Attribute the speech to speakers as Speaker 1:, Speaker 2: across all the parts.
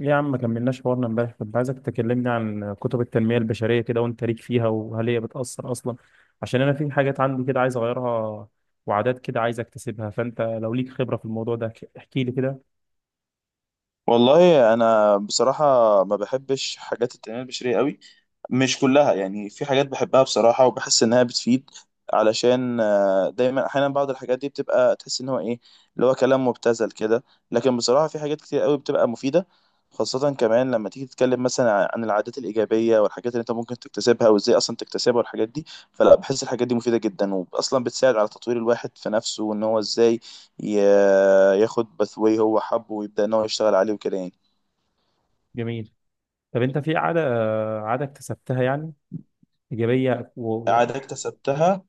Speaker 1: ليه يا عم ما كملناش حوارنا امبارح؟ كنت عايزك تكلمني عن كتب التنمية البشرية كده وانت ليك فيها، وهل هي بتأثر أصلا؟ عشان أنا في حاجات عندي كده عايز أغيرها، وعادات كده عايز أكتسبها. فأنت لو ليك خبرة في الموضوع ده احكي لي كده.
Speaker 2: والله انا بصراحه ما بحبش حاجات التنميه البشريه قوي. مش كلها يعني، في حاجات بحبها بصراحة وبحس إنها بتفيد. علشان دايما أحيانا بعض الحاجات دي بتبقى تحس إن هو إيه اللي هو كلام مبتذل كده. لكن بصراحة في حاجات كتير قوي بتبقى مفيدة، خاصة كمان لما تيجي تتكلم مثلا عن العادات الإيجابية والحاجات اللي أنت ممكن تكتسبها وإزاي أصلا تكتسبها والحاجات دي. فلا، بحس الحاجات دي مفيدة جدا وأصلا بتساعد على تطوير الواحد في نفسه وإن هو إزاي ي- ياخد باثواي هو حبه ويبدأ إن هو يشتغل عليه وكده يعني.
Speaker 1: جميل. طب أنت في عادة، عادة اكتسبتها يعني، إيجابية
Speaker 2: عادة اكتسبتها.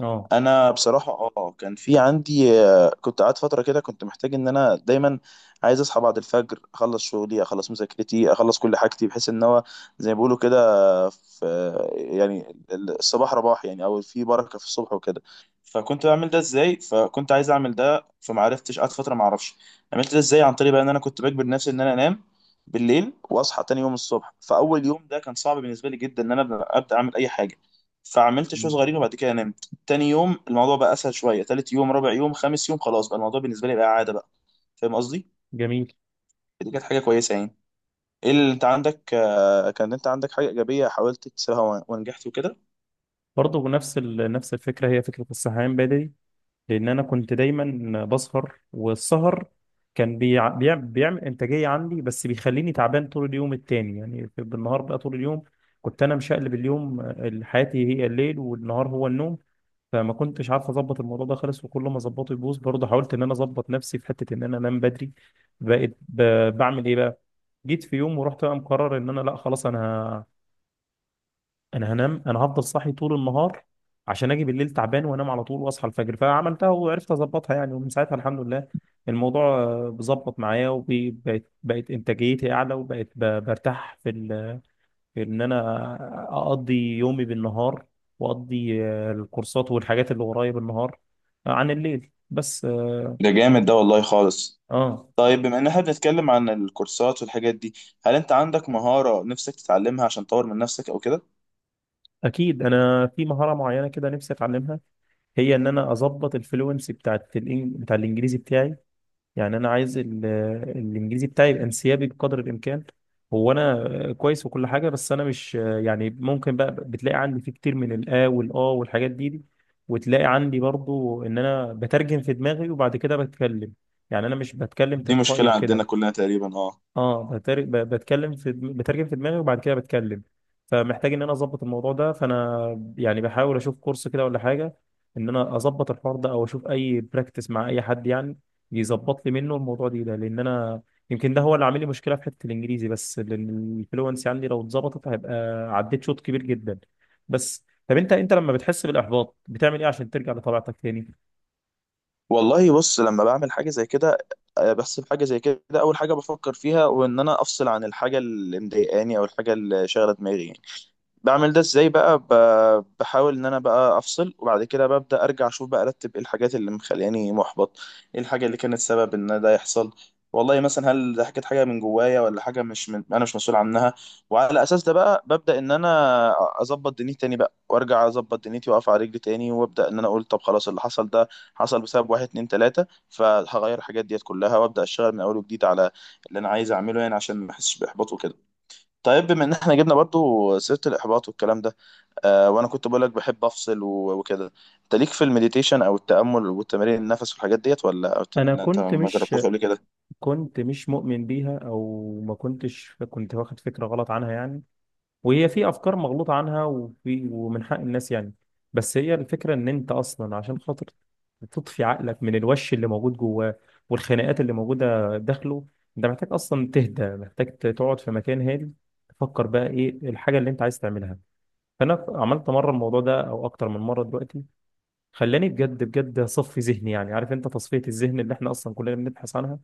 Speaker 1: آه.
Speaker 2: انا بصراحه كان في عندي، كنت قاعد فتره كده، كنت محتاج ان انا دايما عايز اصحى بعد الفجر، اخلص شغلي اخلص مذاكرتي اخلص كل حاجتي، بحيث ان هو زي ما بيقولوا كده في يعني الصباح رباح يعني، او في بركه في الصبح وكده. فكنت بعمل ده ازاي، فكنت عايز اعمل ده فما عرفتش، قعدت فتره ما اعرفش عملت ده ازاي. عن طريق بقى ان انا كنت بجبر نفسي ان انا انام بالليل واصحى تاني يوم الصبح. فاول يوم ده كان صعب بالنسبه لي جدا ان انا أبدأ اعمل اي حاجه، فعملت شوية صغيرين وبعد كده انام. تاني يوم الموضوع بقى اسهل شويه، تالت يوم رابع يوم خامس يوم خلاص بقى الموضوع بالنسبه لي بقى عاده بقى. فاهم قصدي؟
Speaker 1: جميل.
Speaker 2: دي كانت حاجه كويسه يعني. ايه اللي انت عندك؟ كان انت عندك حاجه ايجابيه حاولت تكسرها ونجحت وكده؟
Speaker 1: برضه نفس الفكرة، هي فكرة الصحيان بدري. لان انا كنت دايما بسهر، والسهر كان بيعمل انتاجيه عندي، بس بيخليني تعبان طول اليوم التاني. يعني بالنهار بقى طول اليوم كنت انا مشقلب اليوم. حياتي هي الليل والنهار هو النوم. فما كنتش عارف اظبط الموضوع ده خالص، وكل ما اظبطه يبوظ. برضه حاولت ان انا اظبط نفسي في حته ان انا انام بدري. بقيت ب... بعمل ايه بقى؟ جيت في يوم ورحت بقى مقرر ان انا لا خلاص انا هنام، انا هفضل صاحي طول النهار عشان اجي بالليل تعبان وانام على طول واصحى الفجر. فعملتها وعرفت اظبطها يعني، ومن ساعتها الحمد لله الموضوع بظبط معايا، وبقت انتاجيتي اعلى، وبقت برتاح في في ان انا اقضي يومي بالنهار، واقضي الكورسات والحاجات اللي ورايا بالنهار عن الليل بس. اه.
Speaker 2: ده جامد ده والله خالص.
Speaker 1: آه.
Speaker 2: طيب بما ان احنا بنتكلم عن الكورسات والحاجات دي، هل انت عندك مهاره نفسك تتعلمها عشان تطور من نفسك او كده؟
Speaker 1: اكيد انا في مهارة معينة كده نفسي اتعلمها، هي ان انا اظبط الفلوينسي بتاعت بتاع الانجليزي بتاعي. يعني انا عايز الانجليزي بتاعي يبقى انسيابي بقدر الامكان. هو انا كويس وكل حاجه، بس انا مش يعني، ممكن بقى بتلاقي عندي فيه كتير من الا والا والحاجات دي، وتلاقي عندي برضو ان انا بترجم في دماغي وبعد كده بتكلم. يعني انا مش بتكلم
Speaker 2: دي
Speaker 1: تلقائي
Speaker 2: مشكله عندنا
Speaker 1: وكده.
Speaker 2: كلنا تقريبا، اه.
Speaker 1: اه، بتكلم في بترجم في دماغي وبعد كده بتكلم. فمحتاج ان انا اظبط الموضوع ده، فانا يعني بحاول اشوف كورس كده ولا حاجه ان انا اظبط الحوار ده، او اشوف اي براكتس مع اي حد يعني يظبط لي منه الموضوع ده. لان انا يمكن ده هو اللي عامل لي مشكله في حته الانجليزي بس، لان الفلونسي عندي لو اتظبطت هيبقى عديت شوط كبير جدا. بس طب انت لما بتحس بالاحباط بتعمل ايه عشان ترجع لطبيعتك تاني؟
Speaker 2: والله بص، لما بعمل حاجه زي كده بس في حاجه زي كده اول حاجه بفكر فيها وان انا افصل عن الحاجه اللي مضايقاني او الحاجه اللي شاغله دماغي يعني. بعمل ده ازاي بقى؟ بحاول ان انا بقى افصل وبعد كده ببدا ارجع اشوف بقى، ارتب ايه الحاجات اللي مخلياني محبط، ايه الحاجه اللي كانت سبب ان ده يحصل، والله مثلا هل ده كانت حاجه من جوايا ولا حاجه مش من انا مش مسؤول عنها. وعلى اساس ده بقى ببدا ان انا اظبط دنيتي تاني بقى، وارجع اظبط دنيتي واقف على رجلي تاني، وابدا ان انا اقول طب خلاص، اللي حصل ده حصل بسبب واحد اتنين تلاته، فهغير الحاجات ديت كلها وابدا اشتغل من اول وجديد على اللي انا عايز اعمله يعني، عشان ما احسش باحباط وكده. طيب بما ان احنا جبنا برضو سيرة الاحباط والكلام ده، وانا كنت بقولك بحب افصل وكده، انت ليك في المديتيشن او التأمل والتمارين النفس والحاجات ديت، ولا
Speaker 1: انا
Speaker 2: انت
Speaker 1: كنت
Speaker 2: ما
Speaker 1: مش
Speaker 2: جربتهاش قبل كده؟
Speaker 1: كنت مش مؤمن بيها، او ما كنتش، كنت واخد فكره غلط عنها يعني. وهي في افكار مغلوطه عنها، وفي ومن حق الناس يعني. بس هي الفكره ان انت اصلا عشان خاطر تطفي عقلك من الوش اللي موجود جواه والخناقات اللي موجوده داخله، انت محتاج اصلا تهدى، محتاج تقعد في مكان هادي تفكر بقى ايه الحاجه اللي انت عايز تعملها. فانا عملت مره الموضوع ده او اكتر من مره دلوقتي، خلاني بجد بجد اصفي ذهني يعني، عارف انت تصفيه الذهن اللي احنا اصلا كلنا بنبحث عنها.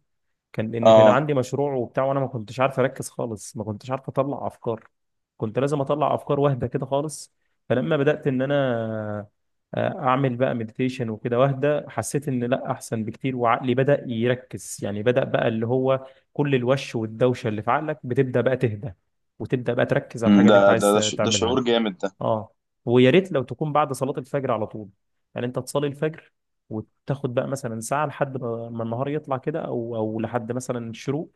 Speaker 1: كان لان كان
Speaker 2: اه.
Speaker 1: عندي مشروع وبتاع وانا ما كنتش عارف اركز خالص، ما كنتش عارف اطلع افكار، كنت لازم اطلع افكار واحده كده خالص. فلما بدات ان انا اعمل بقى مديتيشن وكده واحده، حسيت ان لا احسن بكتير، وعقلي بدا يركز يعني، بدا بقى اللي هو كل الوش والدوشه اللي في عقلك بتبدا بقى تهدى، وتبدا بقى تركز على الحاجه اللي انت عايز
Speaker 2: ده
Speaker 1: تعملها.
Speaker 2: شعور جامد ده.
Speaker 1: اه. ويا ريت لو تكون بعد صلاة الفجر على طول، يعني انت تصلي الفجر وتاخد بقى مثلا ساعة لحد ما النهار يطلع كده، او لحد مثلا الشروق،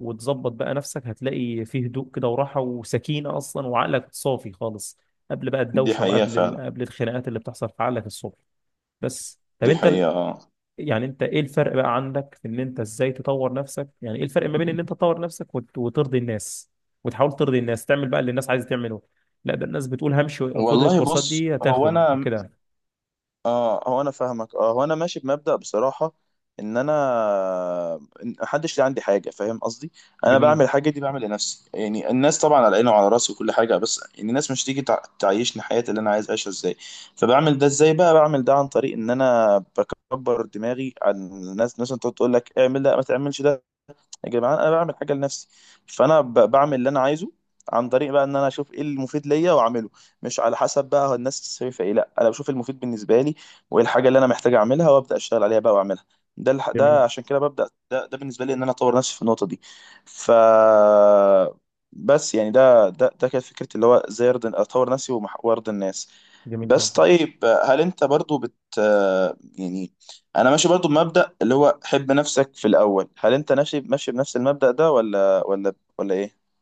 Speaker 1: وتظبط بقى نفسك. هتلاقي فيه هدوء كده وراحة وسكينة اصلا، وعقلك صافي خالص قبل بقى
Speaker 2: دي
Speaker 1: الدوشة
Speaker 2: حقيقة
Speaker 1: وقبل
Speaker 2: فعلا.
Speaker 1: قبل الخناقات اللي بتحصل في عقلك الصبح. بس طب
Speaker 2: دي
Speaker 1: انت،
Speaker 2: حقيقة، اه.
Speaker 1: يعني انت ايه الفرق بقى عندك في ان انت ازاي تطور نفسك؟ يعني ايه الفرق ما بين ان انت تطور نفسك وترضي الناس، وتحاول ترضي الناس تعمل بقى اللي الناس عايزه تعمله؟ لا ده الناس بتقول همشي خد
Speaker 2: والله
Speaker 1: الكورسات
Speaker 2: بص،
Speaker 1: دي هتاخد وكده.
Speaker 2: هو انا فاهمك. اه هو انا ماشي بمبدأ بصراحة، ان انا إن محدش ليه عندي حاجة، فاهم قصدي؟ انا
Speaker 1: جميل.
Speaker 2: بعمل الحاجة دي بعمل لنفسي يعني. الناس طبعا على عيني وعلى راسي وكل حاجة، بس يعني الناس مش تيجي تعيشني حياتي اللي انا عايز اعيشها ازاي. فبعمل ده ازاي بقى؟ بعمل ده عن طريق ان انا بكبر دماغي عن الناس، مثلا تقعد تقول لك اعمل ده ما تعملش ده، يا جماعه انا بعمل حاجه لنفسي. فانا بعمل اللي انا عايزه عن طريق بقى ان انا اشوف ايه المفيد ليا واعمله، مش على حسب بقى هو الناس شايفه ايه، لا انا بشوف المفيد بالنسبه لي وايه الحاجه اللي انا محتاج اعملها وابدا اشتغل عليها بقى واعملها. ده
Speaker 1: جميل.
Speaker 2: عشان كده ببدا ده بالنسبه لي ان انا اطور نفسي في النقطه دي. ف، بس يعني ده كانت فكرتي، اللي هو ازاي ارضي اطور نفسي وارضي الناس.
Speaker 1: جميل
Speaker 2: بس
Speaker 1: جدا.
Speaker 2: طيب، هل انت برضو يعني، انا ماشي برضو بمبدأ اللي هو حب نفسك في الاول، هل انت ماشي بنفس المبدأ ده ولا ايه؟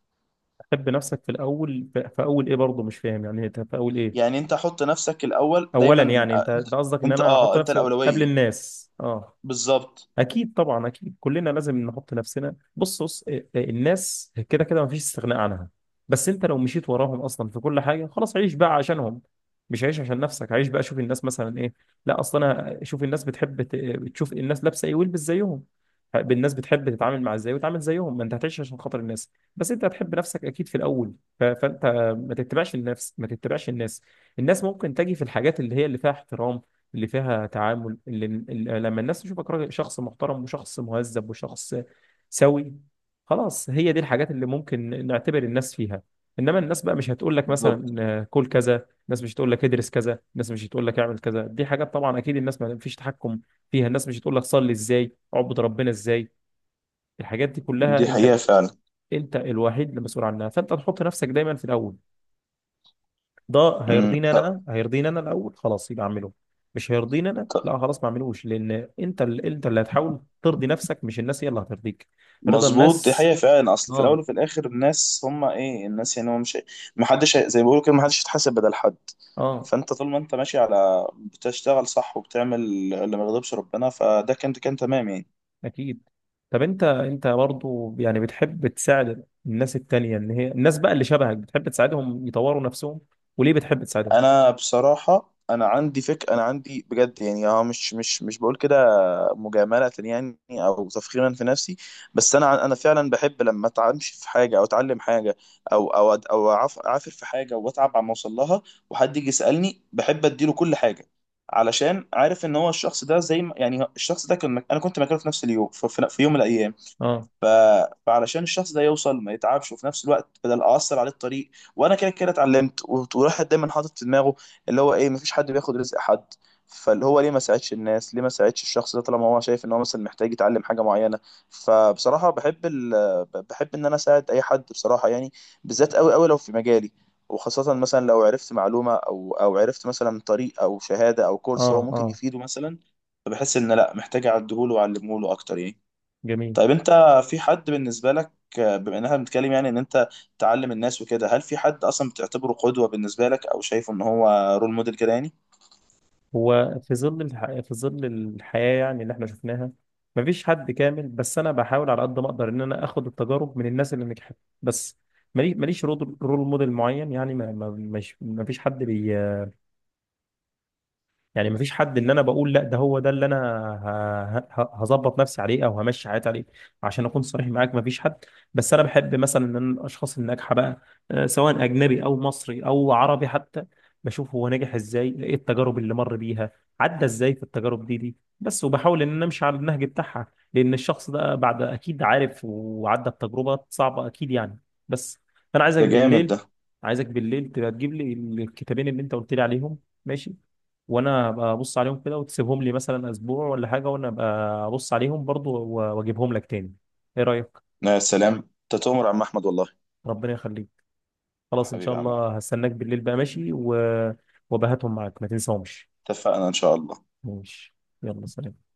Speaker 1: تحب نفسك في الاول؟ في في اول ايه برضه؟ مش فاهم يعني، انت في اول ايه؟
Speaker 2: يعني انت حط نفسك الاول
Speaker 1: اولا
Speaker 2: دايما،
Speaker 1: يعني، انت
Speaker 2: انت
Speaker 1: ده قصدك ان
Speaker 2: انت
Speaker 1: انا احط
Speaker 2: اه انت
Speaker 1: نفسي قبل
Speaker 2: الأولوية؟
Speaker 1: الناس؟ اه،
Speaker 2: بالظبط.
Speaker 1: اكيد طبعا، اكيد كلنا لازم نحط نفسنا. بص إيه، إيه، الناس كده كده مفيش استغناء عنها، بس انت لو مشيت وراهم اصلا في كل حاجه خلاص عيش بقى عشانهم، مش عيش عشان نفسك. عيش بقى شوف الناس مثلا ايه، لا اصلا انا شوف الناس بتحب تشوف الناس لابسه ايه والبس زيهم، الناس بتحب تتعامل مع ازاي وتعامل زيهم، ما انت هتعيش عشان خاطر الناس. بس انت هتحب نفسك اكيد في الاول، فانت ما تتبعش النفس ما تتبعش الناس. الناس ممكن تجي في الحاجات اللي هي اللي فيها احترام، اللي فيها تعامل، اللي لما الناس تشوفك راجل، شخص محترم وشخص مهذب وشخص سوي، خلاص هي دي الحاجات اللي ممكن نعتبر الناس فيها. انما الناس بقى مش هتقول لك
Speaker 2: بالظبط،
Speaker 1: مثلا كل كذا، الناس مش هتقول لك ادرس كذا، الناس مش هتقول لك اعمل كذا. دي حاجات طبعا اكيد الناس ما فيش تحكم فيها. الناس مش هتقول لك صلي ازاي، اعبد ربنا ازاي. الحاجات دي كلها
Speaker 2: دي حقيقة
Speaker 1: انت،
Speaker 2: فعلا.
Speaker 1: انت الوحيد المسؤول عنها. فانت تحط نفسك دايما في الاول. ده
Speaker 2: امم
Speaker 1: هيرضيني
Speaker 2: ط-
Speaker 1: انا، هيرضيني انا الاول، خلاص يبقى اعمله. مش هيرضيني انا،
Speaker 2: ط-
Speaker 1: لا خلاص ما اعملوش. لان انت، انت اللي هتحاول ترضي نفسك، مش الناس هي اللي هترضيك. رضا
Speaker 2: مظبوط، دي
Speaker 1: الناس.
Speaker 2: حقيقة فعلا، اصل في الاول
Speaker 1: اه.
Speaker 2: وفي الاخر الناس هم ايه الناس يعني، هو مش محدش هي- زي ما بيقولوا كده محدش يتحاسب بدل حد.
Speaker 1: اه.
Speaker 2: فانت طول ما انت ماشي على بتشتغل صح وبتعمل اللي ما يغضبش ربنا، فده كان تمام يعني.
Speaker 1: اكيد. طب انت برضو يعني بتحب تساعد الناس التانية، ان هي الناس بقى اللي شبهك بتحب تساعدهم يطوروا نفسهم؟ وليه بتحب تساعدهم؟
Speaker 2: انا بصراحه، انا عندي بجد يعني، مش مش بقول كده مجامله يعني او تفخيرا في نفسي. بس انا فعلا بحب لما اتعامش في حاجه او اتعلم حاجه او اعافر في حاجه واتعب على ما اوصل لها، وحد يجي يسالني بحب اديله كل حاجه، علشان عارف ان هو الشخص ده زي ما يعني الشخص ده انا كنت مكانه في نفس اليوم، في يوم من الايام.
Speaker 1: اه.
Speaker 2: ف... فعلشان الشخص ده يوصل ما يتعبش وفي نفس الوقت بدل اثر عليه الطريق، وانا كده كده اتعلمت وراحت دايما حاطط في دماغه اللي هو ايه، مفيش حد بياخد رزق حد. فاللي هو ليه ما ساعدش الناس، ليه ما ساعدش الشخص ده طالما هو شايف ان هو مثلا محتاج يتعلم حاجه معينه؟ فبصراحه بحب ان انا اساعد اي حد بصراحه يعني، بالذات قوي قوي لو في مجالي، وخاصة مثلا لو عرفت معلومة أو عرفت مثلا طريق أو شهادة أو
Speaker 1: اه.
Speaker 2: كورس هو ممكن
Speaker 1: اه.
Speaker 2: يفيده مثلا، فبحس إن لأ، محتاج أعدهوله وأعلمهوله أكتر يعني.
Speaker 1: جميل.
Speaker 2: طيب انت، في حد بالنسبة لك؟ بما ان احنا بنتكلم يعني ان انت تعلم الناس وكده، هل في حد اصلا بتعتبره قدوة بالنسبة لك او شايفه ان هو رول موديل كده يعني؟
Speaker 1: هو في ظل في ظل الحياة يعني اللي احنا شفناها مفيش حد كامل، بس انا بحاول على قد ما اقدر ان انا اخد التجارب من الناس اللي نجحت بس. ماليش رول موديل معين يعني، مفيش حد بي، يعني مفيش حد ان انا بقول لا ده هو ده اللي انا هظبط نفسي عليه او همشي حياتي عليه. عشان اكون صريح معاك مفيش حد. بس انا بحب مثلا ان أنا الاشخاص الناجحه بقى، سواء اجنبي او مصري او عربي حتى، بشوف هو ناجح ازاي، ايه التجارب اللي مر بيها، عدى ازاي في التجارب دي بس، وبحاول ان انا امشي على النهج بتاعها. لان الشخص ده بعد اكيد عارف وعدى بتجربه صعبه اكيد يعني. بس فانا عايزك
Speaker 2: ده جامد
Speaker 1: بالليل
Speaker 2: ده.
Speaker 1: عايزك بالليل تبقى تجيب لي الكتابين اللي انت قلت لي عليهم، ماشي؟ وانا ابقى ابص عليهم كده، وتسيبهم لي مثلا اسبوع ولا حاجه، وانا ابقى ابص عليهم برضو واجيبهم لك تاني. ايه رايك؟
Speaker 2: يا سلام، انت تؤمر عم احمد والله.
Speaker 1: ربنا يخليك.
Speaker 2: يا
Speaker 1: خلاص ان شاء
Speaker 2: حبيبي يا عم احمد.
Speaker 1: الله هستناك بالليل بقى، ماشي. وبهاتهم معاك ما تنساهمش.
Speaker 2: اتفقنا ان شاء الله.
Speaker 1: ماشي. يلا سلام.